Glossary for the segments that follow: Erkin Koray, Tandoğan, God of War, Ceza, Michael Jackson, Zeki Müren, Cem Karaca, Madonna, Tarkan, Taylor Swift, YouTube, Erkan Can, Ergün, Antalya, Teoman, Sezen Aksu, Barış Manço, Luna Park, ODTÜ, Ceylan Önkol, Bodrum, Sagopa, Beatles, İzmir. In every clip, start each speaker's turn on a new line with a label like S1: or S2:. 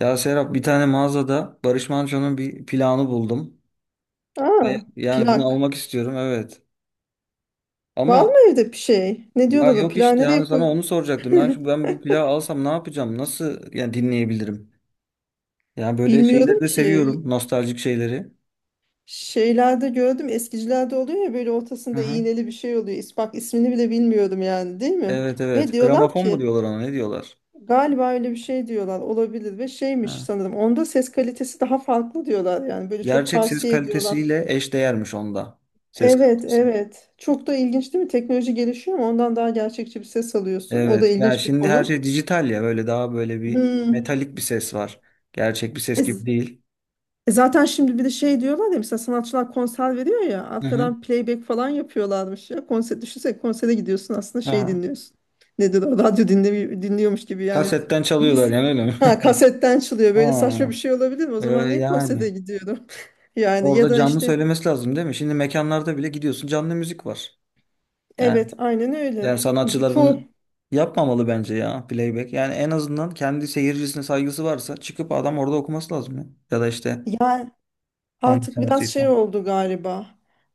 S1: Ya Serap, bir tane mağazada Barış Manço'nun bir planı buldum.
S2: Aa,
S1: Ve bunu
S2: plak.
S1: almak istiyorum, evet.
S2: Var
S1: Ama
S2: mı evde bir şey? Ne
S1: ya
S2: diyorlar, o
S1: yok
S2: plağı
S1: işte,
S2: nereye
S1: yani sana
S2: koy?
S1: onu soracaktım. Ben bu plağı alsam ne yapacağım? Nasıl yani, dinleyebilirim? Yani böyle şeyleri
S2: Bilmiyorum
S1: de
S2: ki.
S1: seviyorum. Nostaljik şeyleri.
S2: Şeylerde gördüm, eskicilerde oluyor ya, böyle
S1: Hı
S2: ortasında
S1: hı.
S2: iğneli bir şey oluyor. Bak, ismini bile bilmiyorum yani, değil mi?
S1: Evet,
S2: Ve
S1: evet.
S2: diyorlar
S1: Gramofon mu
S2: ki
S1: diyorlar ona, ne diyorlar?
S2: galiba öyle bir şey, diyorlar olabilir ve şeymiş
S1: Ha.
S2: sanırım. Onda ses kalitesi daha farklı diyorlar, yani böyle çok
S1: Gerçek ses
S2: tavsiye ediyorlar.
S1: kalitesiyle eşdeğermiş onda. Ses
S2: Evet
S1: kalitesi.
S2: evet, çok da ilginç değil mi? Teknoloji gelişiyor ama ondan daha gerçekçi bir ses alıyorsun. O da
S1: Evet. Yani
S2: ilginç bir
S1: şimdi her
S2: konu.
S1: şey dijital ya, böyle daha böyle bir
S2: Hmm.
S1: metalik bir ses var. Gerçek bir ses gibi değil.
S2: E zaten şimdi bir de şey diyorlar ya, mesela sanatçılar konser veriyor ya,
S1: Hı hı.
S2: arkadan playback falan yapıyorlarmış ya. Konser düşünsene, konsere gidiyorsun aslında şey
S1: Aha.
S2: dinliyorsun. Nedir o, radyo dinliyormuş gibi yani.
S1: Kasetten çalıyorlar
S2: Bilgis-
S1: yani, öyle mi?
S2: Ha, kasetten çalıyor, böyle saçma bir
S1: Ha,
S2: şey olabilir mi? O
S1: e,
S2: zaman niye konsere
S1: yani
S2: gidiyorum? Yani ya
S1: orada
S2: da
S1: canlı
S2: işte
S1: söylemesi lazım değil mi? Şimdi mekanlarda bile gidiyorsun, canlı müzik var. Yani,
S2: evet, aynen öyle.
S1: Yani sanatçılar
S2: Çoğu
S1: bunu yapmamalı bence ya, playback. Yani en azından kendi seyircisine saygısı varsa çıkıp adam orada okuması lazım ya. Ya da işte
S2: ya.
S1: hangi
S2: Artık biraz şey
S1: sanatçıysa.
S2: oldu galiba.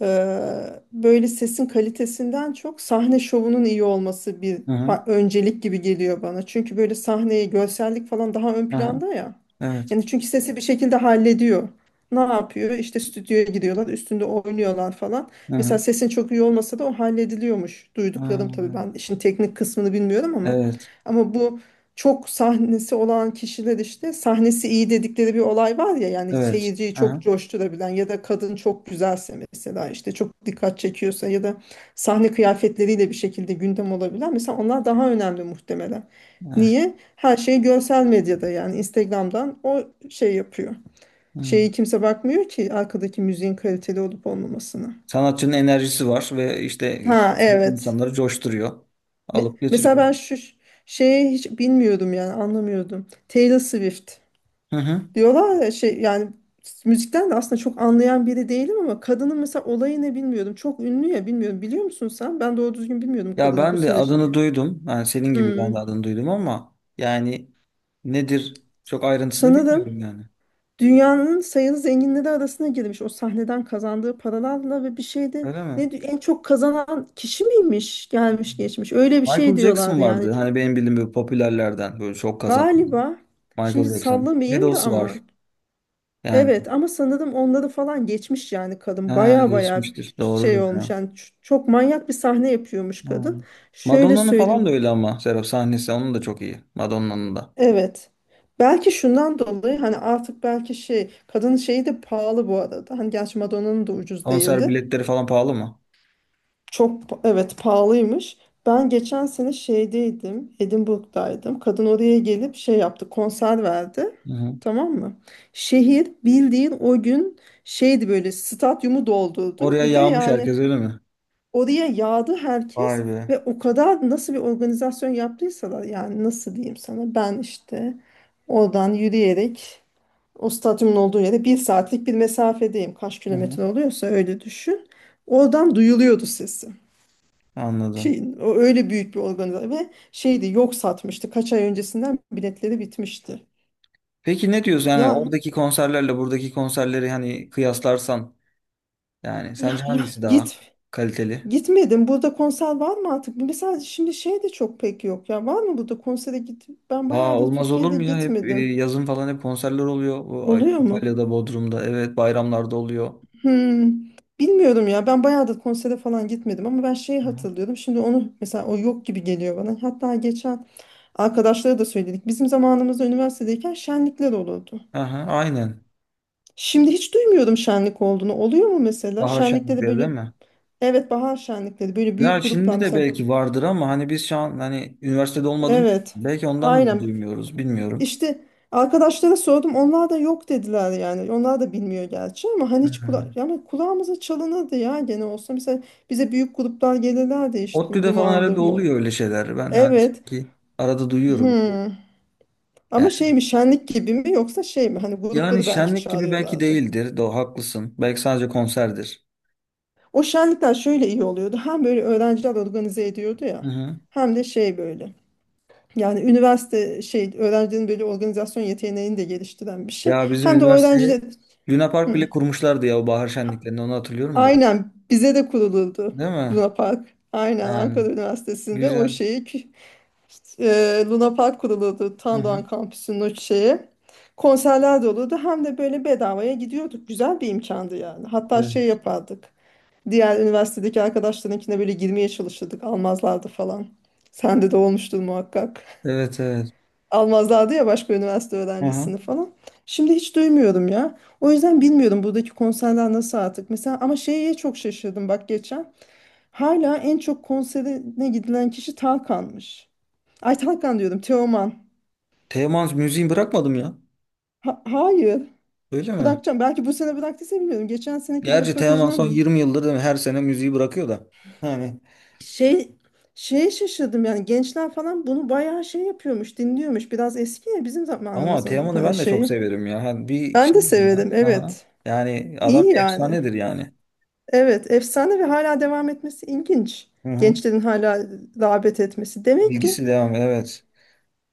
S2: Böyle sesin kalitesinden çok, sahne şovunun iyi olması bir
S1: Hı hı.
S2: öncelik gibi geliyor bana. Çünkü böyle sahneye görsellik falan daha ön
S1: Aha,
S2: planda ya.
S1: evet.
S2: Yani çünkü sesi bir şekilde hallediyor. Ne yapıyor? İşte stüdyoya gidiyorlar, üstünde oynuyorlar falan.
S1: Hı
S2: Mesela
S1: hı.
S2: sesin çok iyi olmasa da o hallediliyormuş.
S1: Ha,
S2: Duyduklarım tabii, ben işin teknik kısmını bilmiyorum ama
S1: evet.
S2: ama bu çok sahnesi olan kişiler, işte sahnesi iyi dedikleri bir olay var ya, yani
S1: Evet.
S2: seyirciyi çok
S1: Aha,
S2: coşturabilen ya da kadın çok güzelse mesela, işte çok dikkat çekiyorsa ya da sahne kıyafetleriyle bir şekilde gündem olabilen, mesela onlar daha önemli muhtemelen.
S1: evet.
S2: Niye? Her şey görsel medyada, yani Instagram'dan o şey yapıyor.
S1: Hı.
S2: Şeyi kimse bakmıyor ki arkadaki müziğin kaliteli olup olmamasına.
S1: Sanatçının enerjisi var ve işte
S2: Ha,
S1: karşısındaki
S2: evet.
S1: insanları coşturuyor. Alıp
S2: Mesela
S1: götürüyor.
S2: ben şu şeyi hiç bilmiyordum, yani anlamıyordum. Taylor Swift.
S1: Hı hı.
S2: Diyorlar ya şey, yani müzikten de aslında çok anlayan biri değilim ama kadının mesela olayını bilmiyordum. Çok ünlü ya, bilmiyorum. Biliyor musun sen? Ben doğru düzgün bilmiyordum
S1: Ya
S2: kadını bu
S1: ben de
S2: sene
S1: adını
S2: şeyi.
S1: duydum. Yani senin gibi ben
S2: Hmm.
S1: de adını duydum, ama yani nedir, çok ayrıntısını
S2: Sanırım
S1: bilmiyorum yani.
S2: dünyanın sayılı zenginleri arasına girmiş, o sahneden kazandığı paralarla, ve bir şeyde
S1: Öyle mi?
S2: en çok kazanan kişi miymiş, gelmiş geçmiş, öyle bir
S1: Michael
S2: şey
S1: Jackson
S2: diyorlardı yani.
S1: vardı.
S2: Çok
S1: Hani benim bildiğim böyle popülerlerden böyle çok kazanan
S2: galiba,
S1: Michael
S2: şimdi
S1: Jackson.
S2: sallamayayım da
S1: Beatles var.
S2: ama
S1: Yani
S2: evet, ama sanırım onları falan geçmiş yani kadın.
S1: ha,
S2: Baya baya
S1: geçmiştir.
S2: şey
S1: Doğrudur
S2: olmuş
S1: ya.
S2: yani, çok manyak bir sahne yapıyormuş
S1: Ha.
S2: kadın. Şöyle
S1: Madonna'nın falan da
S2: söyleyeyim.
S1: öyle ama Serap, sahnesi onun da çok iyi. Madonna'nın da.
S2: Evet. Belki şundan dolayı, hani artık belki şey, kadının şeyi de pahalı bu arada. Hani gerçi Madonna'nın da ucuz
S1: Konser
S2: değildi.
S1: biletleri falan pahalı mı?
S2: Çok evet, pahalıymış. Ben geçen sene şeydeydim, Edinburgh'daydım. Kadın oraya gelip şey yaptı, konser verdi.
S1: Hı hı.
S2: Tamam mı? Şehir bildiğin o gün şeydi, böyle stadyumu doldurdu.
S1: Oraya
S2: Bir de
S1: yağmış
S2: yani
S1: herkes, öyle mi?
S2: oraya yağdı
S1: Vay
S2: herkes
S1: be.
S2: ve o kadar nasıl bir organizasyon yaptıysalar, yani nasıl diyeyim sana, ben işte oradan yürüyerek o stadyumun olduğu yere bir saatlik bir mesafedeyim. Kaç
S1: Hı
S2: kilometre
S1: hı.
S2: oluyorsa öyle düşün. Oradan duyuluyordu sesi
S1: Anladım.
S2: şeyin, o öyle büyük bir organizasyon ve şeydi, yok satmıştı, kaç ay öncesinden biletleri bitmişti.
S1: Peki ne diyorsun, yani
S2: Ya
S1: oradaki konserlerle buradaki konserleri hani kıyaslarsan, yani
S2: ya
S1: sence
S2: ya
S1: hangisi daha
S2: git
S1: kaliteli?
S2: gitmedim burada konser var mı artık? Mesela şimdi şey de çok pek yok ya, var mı burada konsere git? Ben
S1: Aa,
S2: bayağı da
S1: olmaz olur
S2: Türkiye'de
S1: mu ya? Hep
S2: gitmedim.
S1: yazın falan hep konserler oluyor. Bu
S2: Oluyor mu?
S1: Antalya'da, Bodrum'da, evet, bayramlarda oluyor.
S2: Hmm, Bilmiyorum ya, ben bayağı da konsere falan gitmedim ama ben şeyi
S1: Aha.
S2: hatırlıyorum. Şimdi onu mesela, o yok gibi geliyor bana. Hatta geçen arkadaşlara da söyledik, bizim zamanımızda üniversitedeyken şenlikler olurdu.
S1: Aha, aynen.
S2: Şimdi hiç duymuyordum şenlik olduğunu. Oluyor mu mesela?
S1: Bahar
S2: Şenlikte de
S1: şenlikleri değil
S2: böyle
S1: mi?
S2: evet, bahar şenlikleri, böyle
S1: Ya
S2: büyük gruplar
S1: şimdi de
S2: mesela,
S1: belki vardır ama hani biz şu an hani üniversitede olmadığımız için
S2: evet
S1: belki ondan mı
S2: aynen,
S1: duymuyoruz, bilmiyorum.
S2: işte arkadaşlara sordum, onlar da yok dediler yani, onlar da bilmiyor gerçi ama hani hiç kula,
S1: Hmm.
S2: yani kulağımıza çalınırdı ya, gene olsa mesela bize büyük gruplar gelirlerdi, işte
S1: ODTÜ'de falan
S2: dumandı
S1: herhalde
S2: mı
S1: oluyor öyle şeyler. Ben hani
S2: evet.
S1: sanki arada duyuyorum.
S2: Hmm. Ama şey mi, şenlik gibi mi, yoksa şey mi, hani
S1: Yani
S2: grupları belki
S1: şenlik gibi belki
S2: çağırıyorlardı.
S1: değildir. Doğru, haklısın. Belki sadece konserdir.
S2: O şenlikler şöyle iyi oluyordu. Hem böyle öğrenciler organize ediyordu
S1: Hı
S2: ya.
S1: hı.
S2: Hem de şey böyle. Yani üniversite şey, öğrencilerin böyle organizasyon yeteneğini de geliştiren bir şey.
S1: Ya bizim
S2: Hem de
S1: üniversiteye
S2: öğrenciler.
S1: Luna Park
S2: Hı.
S1: bile kurmuşlardı ya, o bahar şenliklerini onu hatırlıyorum da.
S2: Aynen bize de kurulurdu
S1: Değil mi?
S2: Luna Park. Aynen Ankara
S1: Yani
S2: Üniversitesi'nde o
S1: güzel.
S2: şeyi Luna Park kurulurdu.
S1: Hı hı.
S2: Tandoğan kampüsünün o şeyi. Konserler de olurdu. Hem de böyle bedavaya gidiyorduk. Güzel bir imkandı yani. Hatta şey
S1: Evet.
S2: yapardık. Diğer üniversitedeki arkadaşlarınkine böyle girmeye çalışırdık. Almazlardı falan. Sende de olmuştur muhakkak.
S1: Evet, evet.
S2: Almazlardı ya, başka üniversite
S1: Hı hı.
S2: öğrencisini falan. Şimdi hiç duymuyorum ya. O yüzden bilmiyorum buradaki konserler nasıl artık. Mesela ama şeye çok şaşırdım, bak geçen. Hala en çok konserine gidilen kişi Tarkan'mış. Ay, Tarkan diyorum, Teoman.
S1: Teoman müziği bırakmadım ya.
S2: Hayır.
S1: Öyle mi?
S2: Bırakacağım. Belki bu sene bıraktıysa bilmiyorum. Geçen seneki bir
S1: Gerçi Teoman
S2: röportajından.
S1: son 20 yıldır değil mi? Her sene müziği bırakıyor da. Yani
S2: Şey Şeye şaşırdım yani, gençler falan bunu bayağı şey yapıyormuş, dinliyormuş. Biraz eski ya, bizim
S1: ama
S2: zamanımızın
S1: Teoman'ı
S2: hani
S1: ben de çok
S2: şeyi.
S1: severim ya. Hani bir
S2: Ben
S1: şey
S2: de
S1: ya.
S2: severim
S1: Aha.
S2: evet.
S1: Yani
S2: İyi
S1: adam bir
S2: yani.
S1: efsanedir yani.
S2: Evet, efsane ve hala devam etmesi ilginç.
S1: Hı hı.
S2: Gençlerin hala rağbet etmesi. Demek ki
S1: Bilgisi devam. Evet.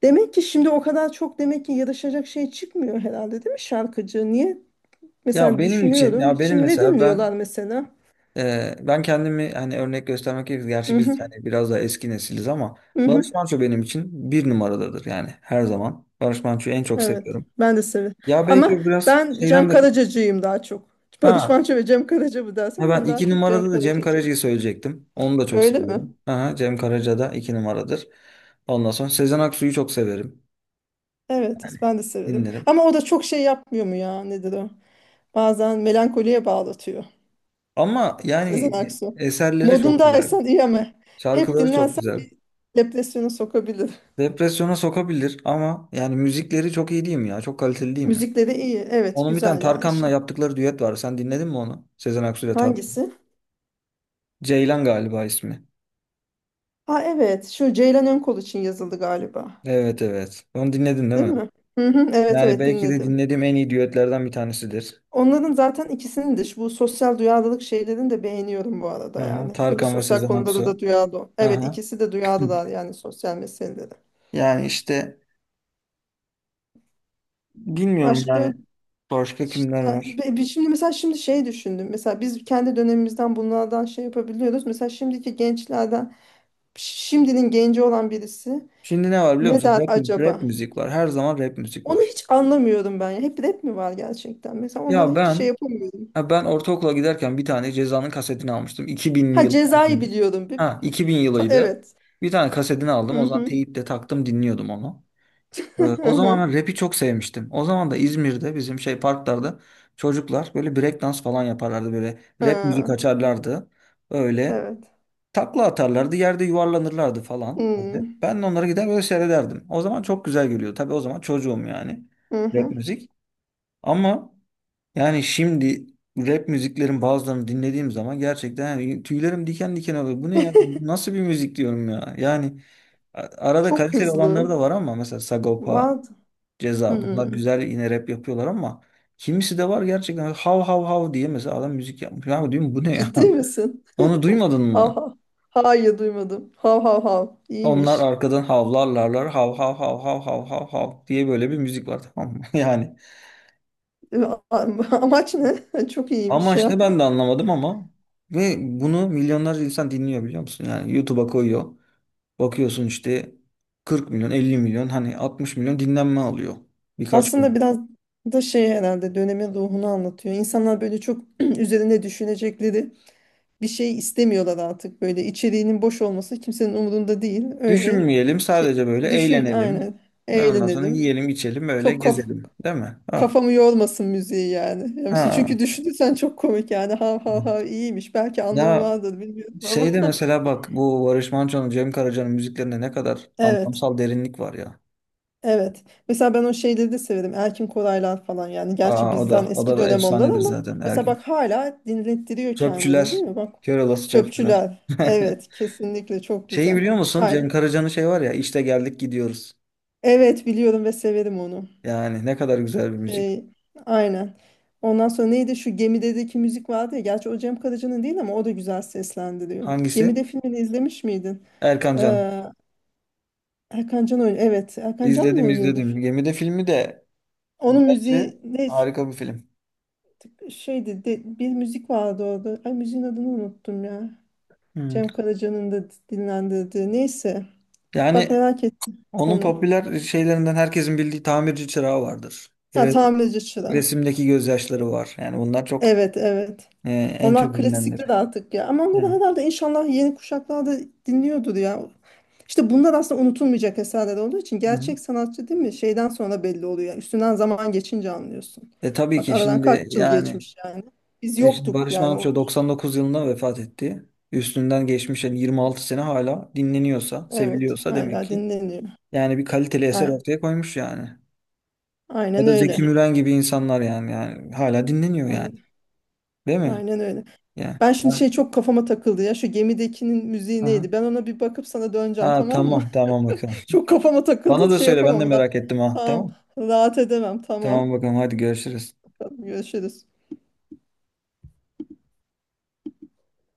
S2: demek ki şimdi o kadar çok, demek ki yarışacak şey çıkmıyor herhalde, değil mi şarkıcı? Niye?
S1: Ya
S2: Mesela
S1: benim için
S2: düşünüyorum.
S1: ya benim
S2: Şimdi ne
S1: mesela ben
S2: dinliyorlar mesela?
S1: ben kendimi hani örnek göstermek gerekirse, gerçi
S2: Hı
S1: biz
S2: hı.
S1: hani biraz daha eski nesiliz ama
S2: Hı hı.
S1: Barış Manço benim için bir numaradadır yani, her zaman. Barış Manço'yu en çok
S2: Evet.
S1: seviyorum.
S2: Ben de severim.
S1: Ya belki
S2: Ama
S1: o biraz
S2: ben Cem
S1: şeyden de
S2: Karaca'cıyım daha çok. Barış
S1: ha,
S2: Manço ve Cem Karaca mı
S1: ha,
S2: dersen,
S1: ben
S2: ben daha
S1: iki
S2: çok Cem
S1: numarada da Cem
S2: Karaca'cıyım.
S1: Karaca'yı söyleyecektim. Onu da çok
S2: Öyle mi?
S1: seviyorum. Aha, Cem Karaca da iki numaradır. Ondan sonra Sezen Aksu'yu çok severim.
S2: Evet,
S1: Yani
S2: ben de severim.
S1: dinlerim.
S2: Ama o da çok şey yapmıyor mu ya? Nedir o? Bazen melankoliye bağlatıyor.
S1: Ama yani
S2: Sezen Aksu.
S1: eserleri çok güzel.
S2: Modundaysan iyi ama hep
S1: Şarkıları çok
S2: dinlersen
S1: güzel.
S2: bir depresyona sokabilir.
S1: Depresyona sokabilir ama yani müzikleri çok iyi değil mi ya? Çok kaliteli değil mi?
S2: Müzikleri iyi. Evet,
S1: Onun bir tane
S2: güzel yani
S1: Tarkan'la
S2: şimdi.
S1: yaptıkları düet var. Sen dinledin mi onu? Sezen Aksu ile Tarkan.
S2: Hangisi?
S1: Ceylan galiba ismi.
S2: Ha evet, şu Ceylan Önkol için yazıldı galiba.
S1: Evet, evet. Onu dinledin değil
S2: Değil
S1: mi?
S2: mi? Hı hı, evet
S1: Yani
S2: evet
S1: belki de
S2: dinledim.
S1: dinlediğim en iyi düetlerden bir tanesidir.
S2: Onların zaten ikisinin de bu sosyal duyarlılık şeylerini de beğeniyorum bu arada
S1: Aha,
S2: yani. Böyle
S1: Tarkan ve
S2: sosyal
S1: Sezen
S2: konuda da
S1: Aksu.
S2: duyarlı. Evet,
S1: Aha.
S2: ikisi de duyarlılar yani sosyal meselelere.
S1: Yani işte bilmiyorum yani
S2: Başka
S1: başka kimler
S2: işte,
S1: var.
S2: şimdi mesela, şimdi şey düşündüm. Mesela biz kendi dönemimizden bunlardan şey yapabiliyoruz. Mesela şimdiki gençlerden, şimdinin genci olan birisi
S1: Şimdi ne var biliyor
S2: ne
S1: musun?
S2: der
S1: Rap,
S2: acaba?
S1: rap müzik var. Her zaman rap müzik
S2: Onu
S1: var.
S2: hiç anlamıyorum ben ya. Hep rap mi var gerçekten? Mesela onlara
S1: Ya
S2: hiç şey
S1: ben
S2: yapamıyorum.
S1: Ha, ben ortaokula giderken bir tane Ceza'nın kasetini almıştım. 2000'li
S2: Ha,
S1: yıl
S2: Cezayı
S1: falandı.
S2: biliyorum. Bir,
S1: Ha, 2000 yılıydı.
S2: evet.
S1: Bir tane kasetini aldım.
S2: Hı
S1: O zaman
S2: hı.
S1: teyip de taktım, dinliyordum onu.
S2: Hı
S1: O zaman
S2: hı.
S1: ben rap'i çok sevmiştim. O zaman da İzmir'de bizim şey parklarda çocuklar böyle breakdance falan yaparlardı. Böyle rap müzik
S2: Ha.
S1: açarlardı. Öyle
S2: Evet.
S1: takla atarlardı. Yerde yuvarlanırlardı falan. Öyle.
S2: Hmm.
S1: Ben de onlara gider böyle seyrederdim. O zaman çok güzel geliyor. Tabii, o zaman çocuğum yani.
S2: Hı
S1: Rap
S2: hı.
S1: müzik. Ama yani şimdi rap müziklerin bazılarını dinlediğim zaman gerçekten yani tüylerim diken diken oluyor. Bu ne ya? Bu nasıl bir müzik diyorum ya? Yani a- arada
S2: Çok
S1: kaliteli olanları
S2: hızlı.
S1: da var ama mesela Sagopa,
S2: What?
S1: Ceza bunlar
S2: Hmm.
S1: güzel yine rap yapıyorlar ama kimisi de var gerçekten hav hav hav diye mesela adam müzik yapmış. Ya diyorum bu ne ya?
S2: Ciddi misin?
S1: Onu duymadın mı?
S2: Aha. Hayır, duymadım. Hav hav hav.
S1: Onlar
S2: İyiymiş.
S1: arkadan havlarlarlar, hav hav hav hav hav hav hav diye, böyle bir müzik var tamam mı? Yani
S2: A- a- Amaç ne? Çok iyiymiş
S1: amaç ne,
S2: ya.
S1: ben de anlamadım, ama ve bunu milyonlarca insan dinliyor biliyor musun? Yani YouTube'a koyuyor. Bakıyorsun işte 40 milyon, 50 milyon, hani 60 milyon dinlenme alıyor birkaç
S2: Aslında
S1: gün.
S2: biraz da şey herhalde, dönemin ruhunu anlatıyor. İnsanlar böyle çok üzerine düşünecekleri bir şey istemiyorlar artık. Böyle içeriğinin boş olması kimsenin umurunda değil. Öyle
S1: Düşünmeyelim,
S2: şey,
S1: sadece böyle
S2: düşün
S1: eğlenelim.
S2: aynen.
S1: Ve ondan sonra
S2: Eğlenelim.
S1: yiyelim, içelim, böyle
S2: Çok kaf
S1: gezelim. Değil mi? Ha.
S2: Kafamı yormasın müziği yani. Ya mesela,
S1: Ha.
S2: çünkü düşünürsen çok komik yani. Hav hav hav, iyiymiş. Belki anlamı
S1: Ya
S2: vardır, bilmiyorum ama.
S1: şeyde mesela bak, bu Barış Manço'nun, Cem Karaca'nın müziklerinde ne kadar
S2: Evet.
S1: anlamsal derinlik var ya.
S2: Evet. Mesela ben o şeyleri de severim. Erkin Koraylar falan yani. Gerçi
S1: Aa, o da,
S2: bizden eski
S1: da
S2: dönem onlar
S1: efsanedir
S2: ama.
S1: zaten
S2: Mesela
S1: Ergün.
S2: bak hala dinlettiriyor kendini, değil
S1: Çöpçüler.
S2: mi? Bak.
S1: Kör olası çöpçüler.
S2: Çöpçüler. Evet. Kesinlikle çok
S1: Şeyi
S2: güzel.
S1: biliyor musun?
S2: Hala.
S1: Cem Karaca'nın şey var ya, işte geldik gidiyoruz.
S2: Evet biliyorum ve severim onu.
S1: Yani ne kadar güzel bir müzik.
S2: Şey, aynen. Ondan sonra neydi, şu gemideki müzik vardı ya. Gerçi o Cem Karaca'nın değil ama o da güzel seslendiriyor.
S1: Hangisi?
S2: Gemide filmini izlemiş miydin?
S1: Erkan Can.
S2: Ee, Erkan Can oynuyor. Evet, Erkan Can mı
S1: İzledim,
S2: oynuyordu
S1: izledim.
S2: film?
S1: Gemide filmi de
S2: Onun
S1: bence
S2: müziği ne
S1: harika bir film.
S2: şeydi? Bir müzik vardı orada. Ay, müziğin adını unuttum ya.
S1: Hmm.
S2: Cem Karaca'nın da dinlendirdiği. Neyse. Bak,
S1: Yani
S2: merak ettim
S1: onun
S2: onu.
S1: popüler şeylerinden herkesin bildiği tamirci çırağı vardır.
S2: Ha, tamirci çırağı.
S1: Resimdeki gözyaşları var. Yani bunlar çok
S2: Evet evet.
S1: e, en
S2: Onlar
S1: çok bilinenleri.
S2: klasikler artık ya. Ama
S1: Evet.
S2: onları herhalde inşallah yeni kuşaklar da dinliyordur ya. İşte bunlar aslında unutulmayacak eserler olduğu için
S1: Hı hı.
S2: gerçek sanatçı, değil mi? Şeyden sonra belli oluyor yani. Üstünden zaman geçince anlıyorsun.
S1: E tabii
S2: Bak
S1: ki
S2: aradan
S1: şimdi
S2: kaç yıl
S1: yani,
S2: geçmiş yani. Biz
S1: e işte
S2: yoktuk
S1: Barış
S2: yani.
S1: Manço 99 yılında vefat etti. Üstünden geçmiş yani 26 sene, hala dinleniyorsa,
S2: Evet,
S1: seviliyorsa demek
S2: hala
S1: ki
S2: dinleniyor.
S1: yani bir kaliteli eser
S2: A-
S1: ortaya koymuş yani. Ya
S2: Aynen
S1: da Zeki
S2: öyle.
S1: Müren gibi insanlar yani, yani hala dinleniyor yani.
S2: Aynen,
S1: Değil mi?
S2: aynen öyle.
S1: Yani.
S2: Ben şimdi şey çok kafama takıldı ya. Şu gemidekinin müziği
S1: Aha.
S2: neydi? Ben ona bir bakıp sana döneceğim,
S1: Ha,
S2: tamam mı?
S1: tamam, tamam, bakalım.
S2: Çok kafama
S1: Bana
S2: takıldı,
S1: da
S2: şey
S1: söyle, ben de
S2: yapamam
S1: merak
S2: da.
S1: ettim ha.
S2: Tamam,
S1: Tamam.
S2: rahat edemem,
S1: Tamam
S2: tamam.
S1: bakalım, hadi görüşürüz.
S2: Tamam, görüşürüz.